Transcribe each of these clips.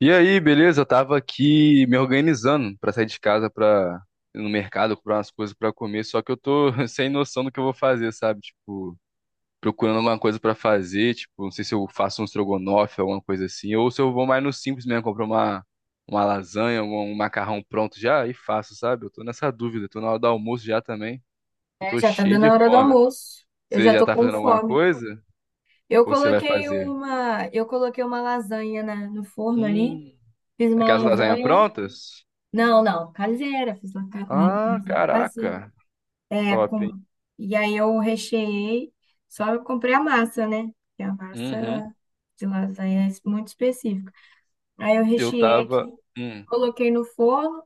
E aí, beleza? Eu tava aqui me organizando pra sair de casa pra ir no mercado comprar umas coisas pra comer, só que eu tô sem noção do que eu vou fazer, sabe? Tipo, procurando alguma coisa pra fazer, tipo, não sei se eu faço um estrogonofe, alguma coisa assim, ou se eu vou mais no simples mesmo, comprar uma lasanha, um macarrão pronto já e faço, sabe? Eu tô nessa dúvida, tô na hora do almoço já também. Eu É, tô já tá cheio dando de a hora do fome. almoço. Eu Você já já tô tá com fazendo alguma fome. coisa? Eu Ou você vai coloquei fazer? uma, eu coloquei uma lasanha no forno ali. Hum, Fiz uma aquelas lasanhas lasanha. prontas? Não, não, caseira. Fiz uma uma Ah, lasanha caseira. caraca. É, Top, com, hein? e aí eu recheei. Só eu comprei a massa, né? Que a Uhum. massa de lasanha é muito específica. Aí eu Eu recheei aqui, tava. Hum, coloquei no forno.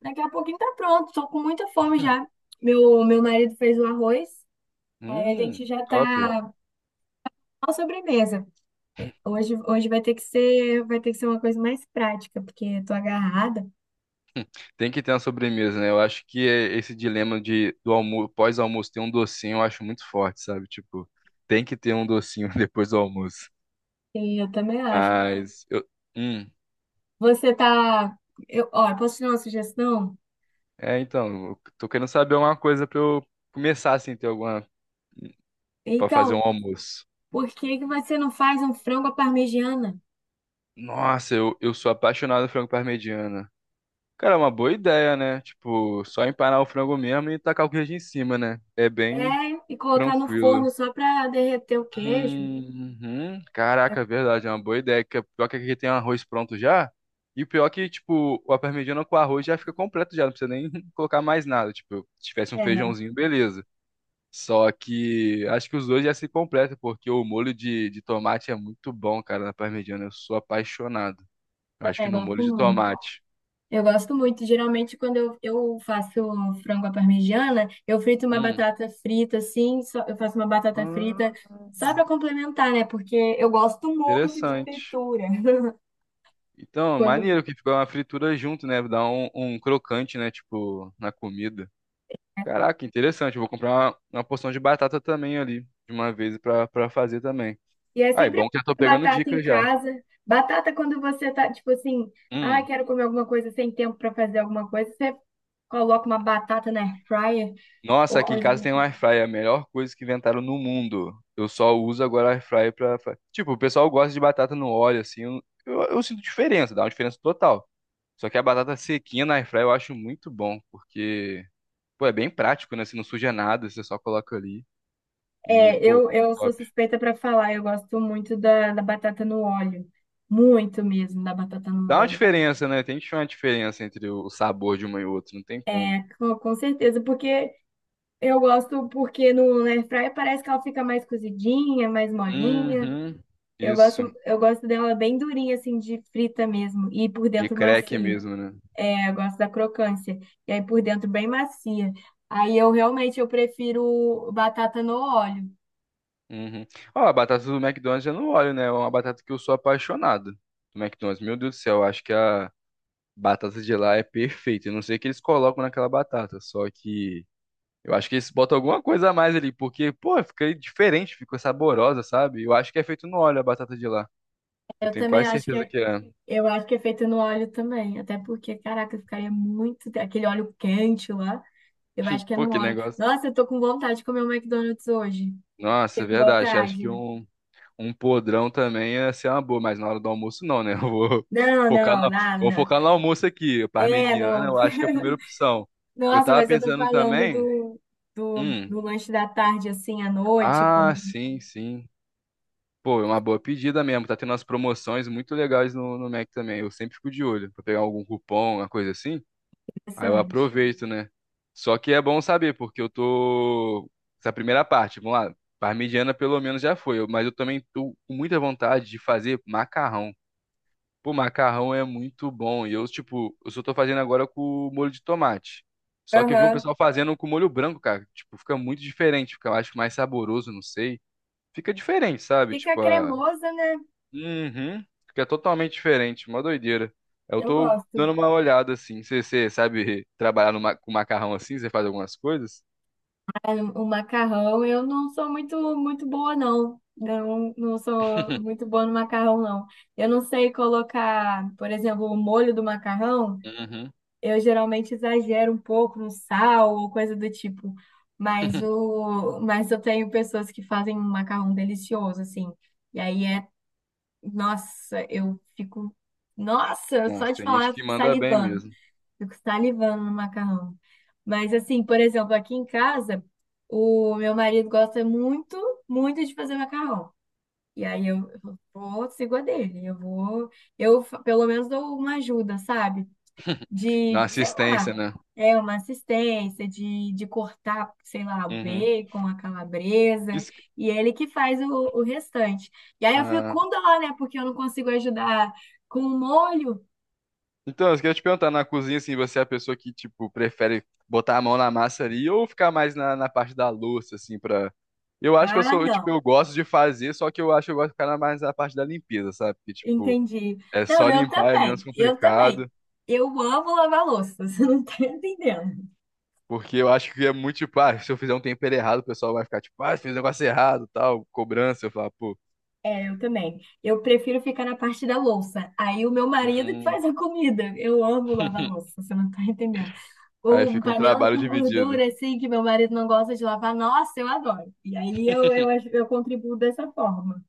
Daqui a pouquinho tá pronto. Tô com muita fome já. Meu marido fez o arroz. Aí a hum, gente já top. tá A sobremesa. Hoje vai ter que ser, vai ter que ser uma coisa mais prática, porque eu tô agarrada. Tem que ter uma sobremesa, né? Eu acho que é esse dilema de do almoço, pós-almoço ter um docinho, eu acho muito forte, sabe? Tipo, tem que ter um docinho depois do almoço. E eu também acho. Mas eu, hum, Você tá. Eu, ó, posso te dar uma sugestão? é então, eu tô querendo saber uma coisa pra eu começar assim ter alguma pra fazer um Então, almoço. por que que você não faz um frango à parmegiana? Nossa, eu sou apaixonado por frango parmegiana. Cara, é uma boa ideia, né? Tipo, só empanar o frango mesmo e tacar o queijo em cima, né? É É, bem e colocar no tranquilo. forno só pra derreter o queijo? Uhum. Caraca, é verdade, é uma boa ideia. Que o pior que aqui tem arroz pronto já. E o pior que, tipo, a parmegiana com arroz já fica completo já, não precisa nem colocar mais nada. Tipo, se tivesse um É, feijãozinho, beleza. Só que acho que os dois já se completam, porque o molho de tomate é muito bom, cara, na parmegiana. Eu sou apaixonado. Eu acho que também no gosto molho de muito. tomate. Eu gosto muito. Geralmente, quando eu faço frango à parmegiana, eu frito uma Hum. batata frita, assim, eu faço uma batata frita Ah, só para complementar, né? Porque eu gosto muito de interessante. fritura. Então, Quando- maneiro que ficou uma fritura junto, né? Dá um crocante, né? Tipo, na comida. Caraca, interessante. Eu vou comprar uma porção de batata também ali, de uma vez pra fazer também. E é Ah, é sempre bom que já tô pegando batata em dicas já. casa. Batata quando você tá, tipo assim, ah, Hum. quero comer alguma coisa sem tempo para fazer alguma coisa, você coloca uma batata na air fryer Nossa, ou aqui em coisa. casa tem um air fryer, a melhor coisa que inventaram no mundo. Eu só uso agora air fryer pra... fa- Tipo, o pessoal gosta de batata no óleo, assim. Eu sinto diferença, dá uma diferença total. Só que a batata sequinha na air fryer eu acho muito bom, porque, pô, é bem prático, né? Você não suja nada, você só coloca ali. E, É, pô, eu, muito eu sou top. suspeita para falar, eu gosto muito da batata no óleo. Muito mesmo da batata no Dá uma óleo. diferença, né? Tem que ter uma diferença entre o sabor de uma e outra, não tem como. É, com certeza, porque eu gosto porque no air fryer parece que ela fica mais cozidinha, mais molinha. Uhum. Eu gosto, Isso. eu gosto dela bem durinha, assim, de frita mesmo, e por De dentro crack macio. mesmo, né? É, eu gosto da crocância, e aí por dentro bem macia. Aí eu realmente eu prefiro batata no óleo. Uhum. Ó, a batata do McDonald's eu não olho, né? É uma batata que eu sou apaixonado do McDonald's. Meu Deus do céu, eu acho que a batata de lá é perfeita. Eu não sei o que eles colocam naquela batata, só que eu acho que eles botam alguma coisa a mais ali, porque, pô, fica diferente, fica saborosa, sabe? Eu acho que é feito no óleo a batata de lá. Eu Eu tenho também quase acho certeza que que é. eu acho que é feito no óleo também, até porque, caraca, ficaria muito. Aquele óleo quente lá, eu acho que é Pô, no que óleo. negócio. Nossa, eu tô com vontade de comer um McDonald's hoje. Nossa, é Fiquei com verdade. Acho que vontade. um. Um podrão também ia ser uma boa, mas na hora do almoço não, né? Eu Não, focar não, no, nada. vou Não. focar no almoço aqui. É, Parmegiana, não. eu acho que é a primeira opção. Eu Nossa, tava mas eu tô pensando falando também. do, do, Hum, do lanche da tarde, assim, à noite, ah, como sim, sim. Pô, é uma boa pedida mesmo. Tá tendo umas promoções muito legais no, no Mac também. Eu sempre fico de olho pra pegar algum cupom, uma coisa assim. Aí eu interessante. aproveito, né? Só que é bom saber, porque eu tô. Essa primeira parte, vamos lá. Parmegiana pelo menos já foi, eu- mas eu também tô com muita vontade de fazer macarrão. Pô, macarrão é muito bom. E eu, tipo, eu só tô fazendo agora com molho de tomate. Só que eu vi um Aham. pessoal fazendo com molho branco, cara. Tipo, fica muito diferente. Fica, eu acho, mais saboroso, não sei. Fica diferente, sabe? Fica Tipo, a... cremosa, né? Uhum. Fica totalmente diferente. Uma doideira. Eu Eu tô dando gosto. uma olhada, assim. Você sabe trabalhar no ma- com macarrão assim? Você faz algumas coisas? O macarrão, eu não sou muito boa, não. Não, não sou muito boa no macarrão, não. Eu não sei colocar, por exemplo, o molho do macarrão. Uhum. Eu geralmente exagero um pouco no sal ou coisa do tipo. Mas eu tenho pessoas que fazem um macarrão delicioso, assim. E aí é, nossa, eu fico, nossa, só Nossa, de tem falar, gente eu que fico manda bem salivando. mesmo. Fico salivando no macarrão. Mas assim, por exemplo, aqui em casa, o meu marido gosta muito de fazer macarrão. E aí eu vou, sigo a dele. Eu vou, pelo menos dou uma ajuda, sabe? Dá De, uma sei assistência, lá, né? É uma assistência, de cortar, sei lá, o Uhum. bacon, a calabresa. Isso... E ele que faz o restante. E aí eu fico com dó, né? Porque eu não consigo ajudar com o molho. Então, eu queria te perguntar, na cozinha, assim, você é a pessoa que, tipo, prefere botar a mão na massa ali ou ficar mais na, na parte da louça, assim, pra... Eu acho que eu Ah, sou, tipo, não. eu gosto de fazer, só que eu acho que eu gosto de ficar na- mais na parte da limpeza, sabe? Porque, tipo, Entendi. é só Não, eu limpar, é menos também. Eu também. complicado, Eu amo lavar louça, você não tá entendendo. porque eu acho que é muito, tipo, ah, se eu fizer um tempero errado, o pessoal vai ficar, tipo, ah, fiz um negócio errado, tal, cobrança, eu falo, pô, É, eu também. Eu prefiro ficar na parte da louça. Aí o meu marido que hum. faz a comida. Eu amo lavar louça, você não tá entendendo. Aí Ou fica um panela trabalho com dividido. gordura, assim, que meu marido não gosta de lavar. Nossa, eu adoro. E aí eu contribuo dessa forma.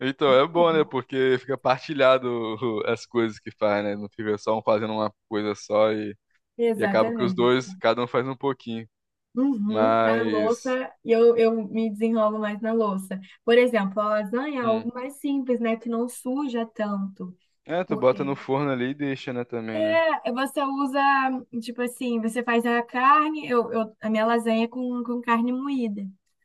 Então é bom, né? Porque fica partilhado o- as coisas que faz, né? Não fica só um fazendo uma coisa só e acaba que os Exatamente. dois, cada um faz um pouquinho. Uhum, a Mas. louça, e eu me desenrolo mais na louça. Por exemplo, a lasanha é Hum. algo mais simples, né? Que não suja tanto. É, tu bota Porque no forno ali e deixa, né, também, né? é, você usa, tipo assim, você faz a carne, a minha lasanha é com carne moída.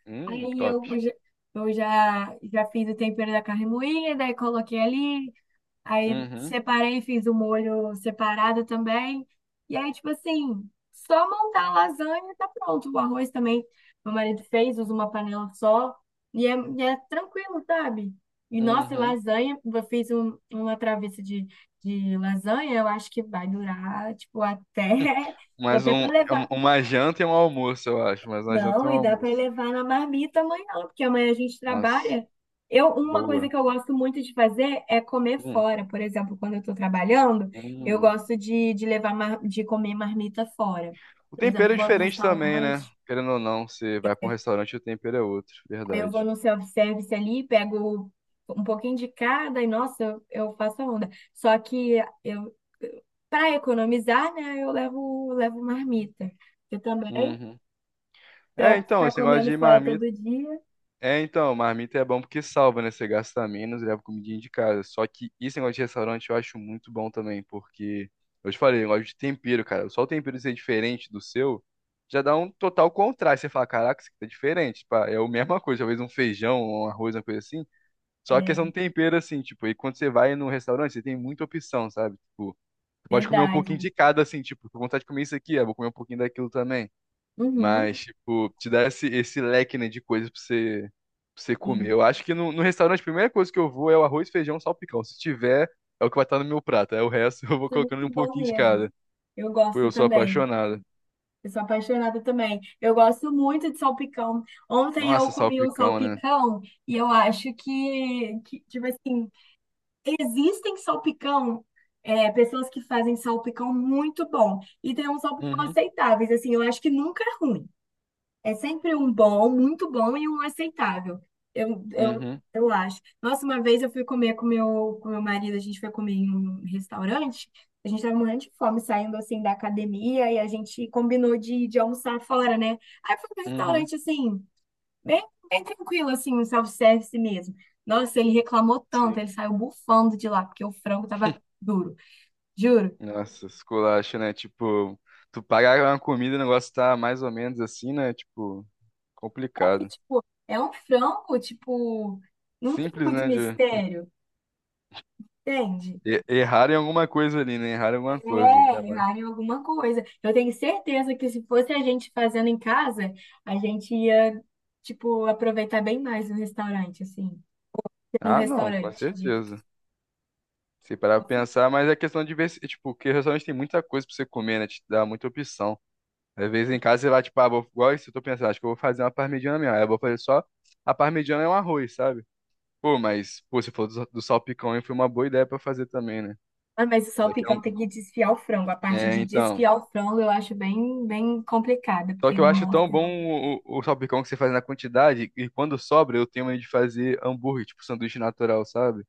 Aí Top. Eu já, já fiz o tempero da carne moída, aí coloquei ali, aí Uhum, separei, fiz o molho separado também. E aí, tipo assim, só montar a lasanha e tá pronto. O arroz também, meu marido fez, usa uma panela só. E é tranquilo, sabe? E nossa, e uhum. lasanha, eu fiz uma travessa de lasanha, eu acho que vai durar, tipo, até, Mais até um, para é um- levar. uma janta e um almoço, eu acho. Mais uma janta e Não, um e dá para almoço. levar na marmita amanhã, porque amanhã a gente Nossa, trabalha. Eu, uma coisa boa. que eu gosto muito de fazer é comer Hum, fora. Por exemplo, quando eu estou trabalhando, eu hum. gosto de levar de comer marmita fora. O Por tempero exemplo, é vou no diferente também, né? restaurante, Querendo ou não, você vai pra um restaurante e o tempero é outro, aí eu vou verdade. no self-service ali, pego um pouquinho de cada e, nossa, eu faço a onda. Só que eu, para economizar, né, eu levo, levo marmita. Eu também, Uhum. para É, então, ficar esse negócio comendo de fora marmita. todo dia, É, então, marmita é bom porque salva, né? Você gasta menos, leva comidinha de casa. Só que esse negócio de restaurante eu acho muito bom também, porque. Eu te falei, negócio de tempero, cara. Só o tempero ser diferente do seu já dá um total contraste. Você fala, caraca, isso aqui tá diferente. Pá, é a mesma coisa, talvez um feijão, um arroz, uma coisa assim. Só a é questão do tempero, assim, tipo, e quando você vai num restaurante, você tem muita opção, sabe? Tipo, você pode comer um pouquinho verdade. de cada, assim, tipo, tô com vontade de comer isso aqui, ah, vou comer um pouquinho daquilo também. Uhum. Mas, tipo, te dá esse leque, né, de coisas pra você comer. Sim, Eu acho que no, no restaurante a primeira coisa que eu vou é o arroz, feijão, salpicão. Se tiver, é o que vai estar no meu prato. Aí o resto eu vou isso é colocando muito um bom pouquinho de mesmo. cada. Eu Pô, gosto eu sou também. apaixonado. Eu sou apaixonada também. Eu gosto muito de salpicão. Ontem eu Nossa, comi um salpicão, né? salpicão e eu acho que tipo assim, existem salpicão, é, pessoas que fazem salpicão muito bom. E tem uns salpicão Uhum, aceitáveis, assim, eu acho que nunca é ruim. É sempre um bom, muito bom e um aceitável. Eu, eu, uhum, eu acho. Nossa, uma vez eu fui comer com com meu marido, a gente foi comer em um restaurante, a gente tava morrendo de fome saindo assim da academia e a gente combinou de almoçar fora, né? Aí foi um uhum. restaurante assim, bem tranquilo, assim, um self-service mesmo. Nossa, ele reclamou Sim. tanto, ele saiu bufando de lá, porque o frango tava duro, juro. Nossa, esculacho, né? Tipo, tu pagar uma comida, o negócio tá mais ou menos assim, né? Tipo, E, complicado. tipo, é um frango, tipo, não tem Simples, muito né? De mistério, entende? e- errar em alguma coisa ali, né? Errar em É, alguma coisa. Ainda mais. errar em alguma coisa. Eu tenho certeza que se fosse a gente fazendo em casa, a gente ia, tipo, aproveitar bem mais no restaurante, assim. No Ah, não, com restaurante, digo. certeza. Se parar pra Com certeza. pensar, mas é questão de ver, se- tipo, porque restaurante tem muita coisa pra você comer, né? Te dá muita opção. Às vezes em casa você vai, tipo, ah, vou, igual isso, eu tô pensando, acho que eu vou fazer uma parmegiana mesmo. Aí eu vou fazer só a parmegiana e um arroz, sabe? Pô, mas, pô, você falou do salpicão, hein? Foi uma boa ideia pra fazer também, né? Ah, mas o Isso aqui é salpicão um... tem que desfiar o frango. A parte É, de então. desfiar o frango eu acho bem complicada, Só porque que eu demora acho um tão tempo. bom o salpicão que você faz na quantidade, e quando sobra, eu tenho medo de fazer hambúrguer, tipo, sanduíche natural, sabe?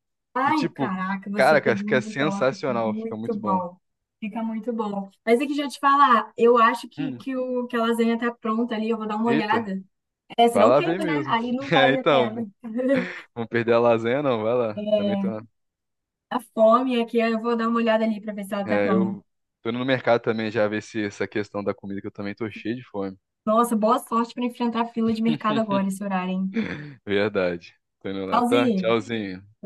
E, Ai, tipo, caraca, você cara, pegou que é um tópico sensacional, fica muito muito bom. bom. Fica muito bom. Mas é que já te falar, eu acho Hum, que a lasanha tá pronta ali, eu vou dar uma eita. olhada. É, Vai senão lá ver queima, né? mesmo. Aí não É, vale a então, pena. vamos perder a lasanha, não, vai lá. Também tô, na- A fome aqui, eu vou dar uma olhada ali pra ver se ela tá é, pronta. eu tô indo no mercado também já ver se essa questão da comida que eu também tô cheio de fome. Nossa, boa sorte pra enfrentar a fila de mercado agora, esse horário, hein? Verdade. Tô indo lá, tá? Tchauzinho! Tchauzinho.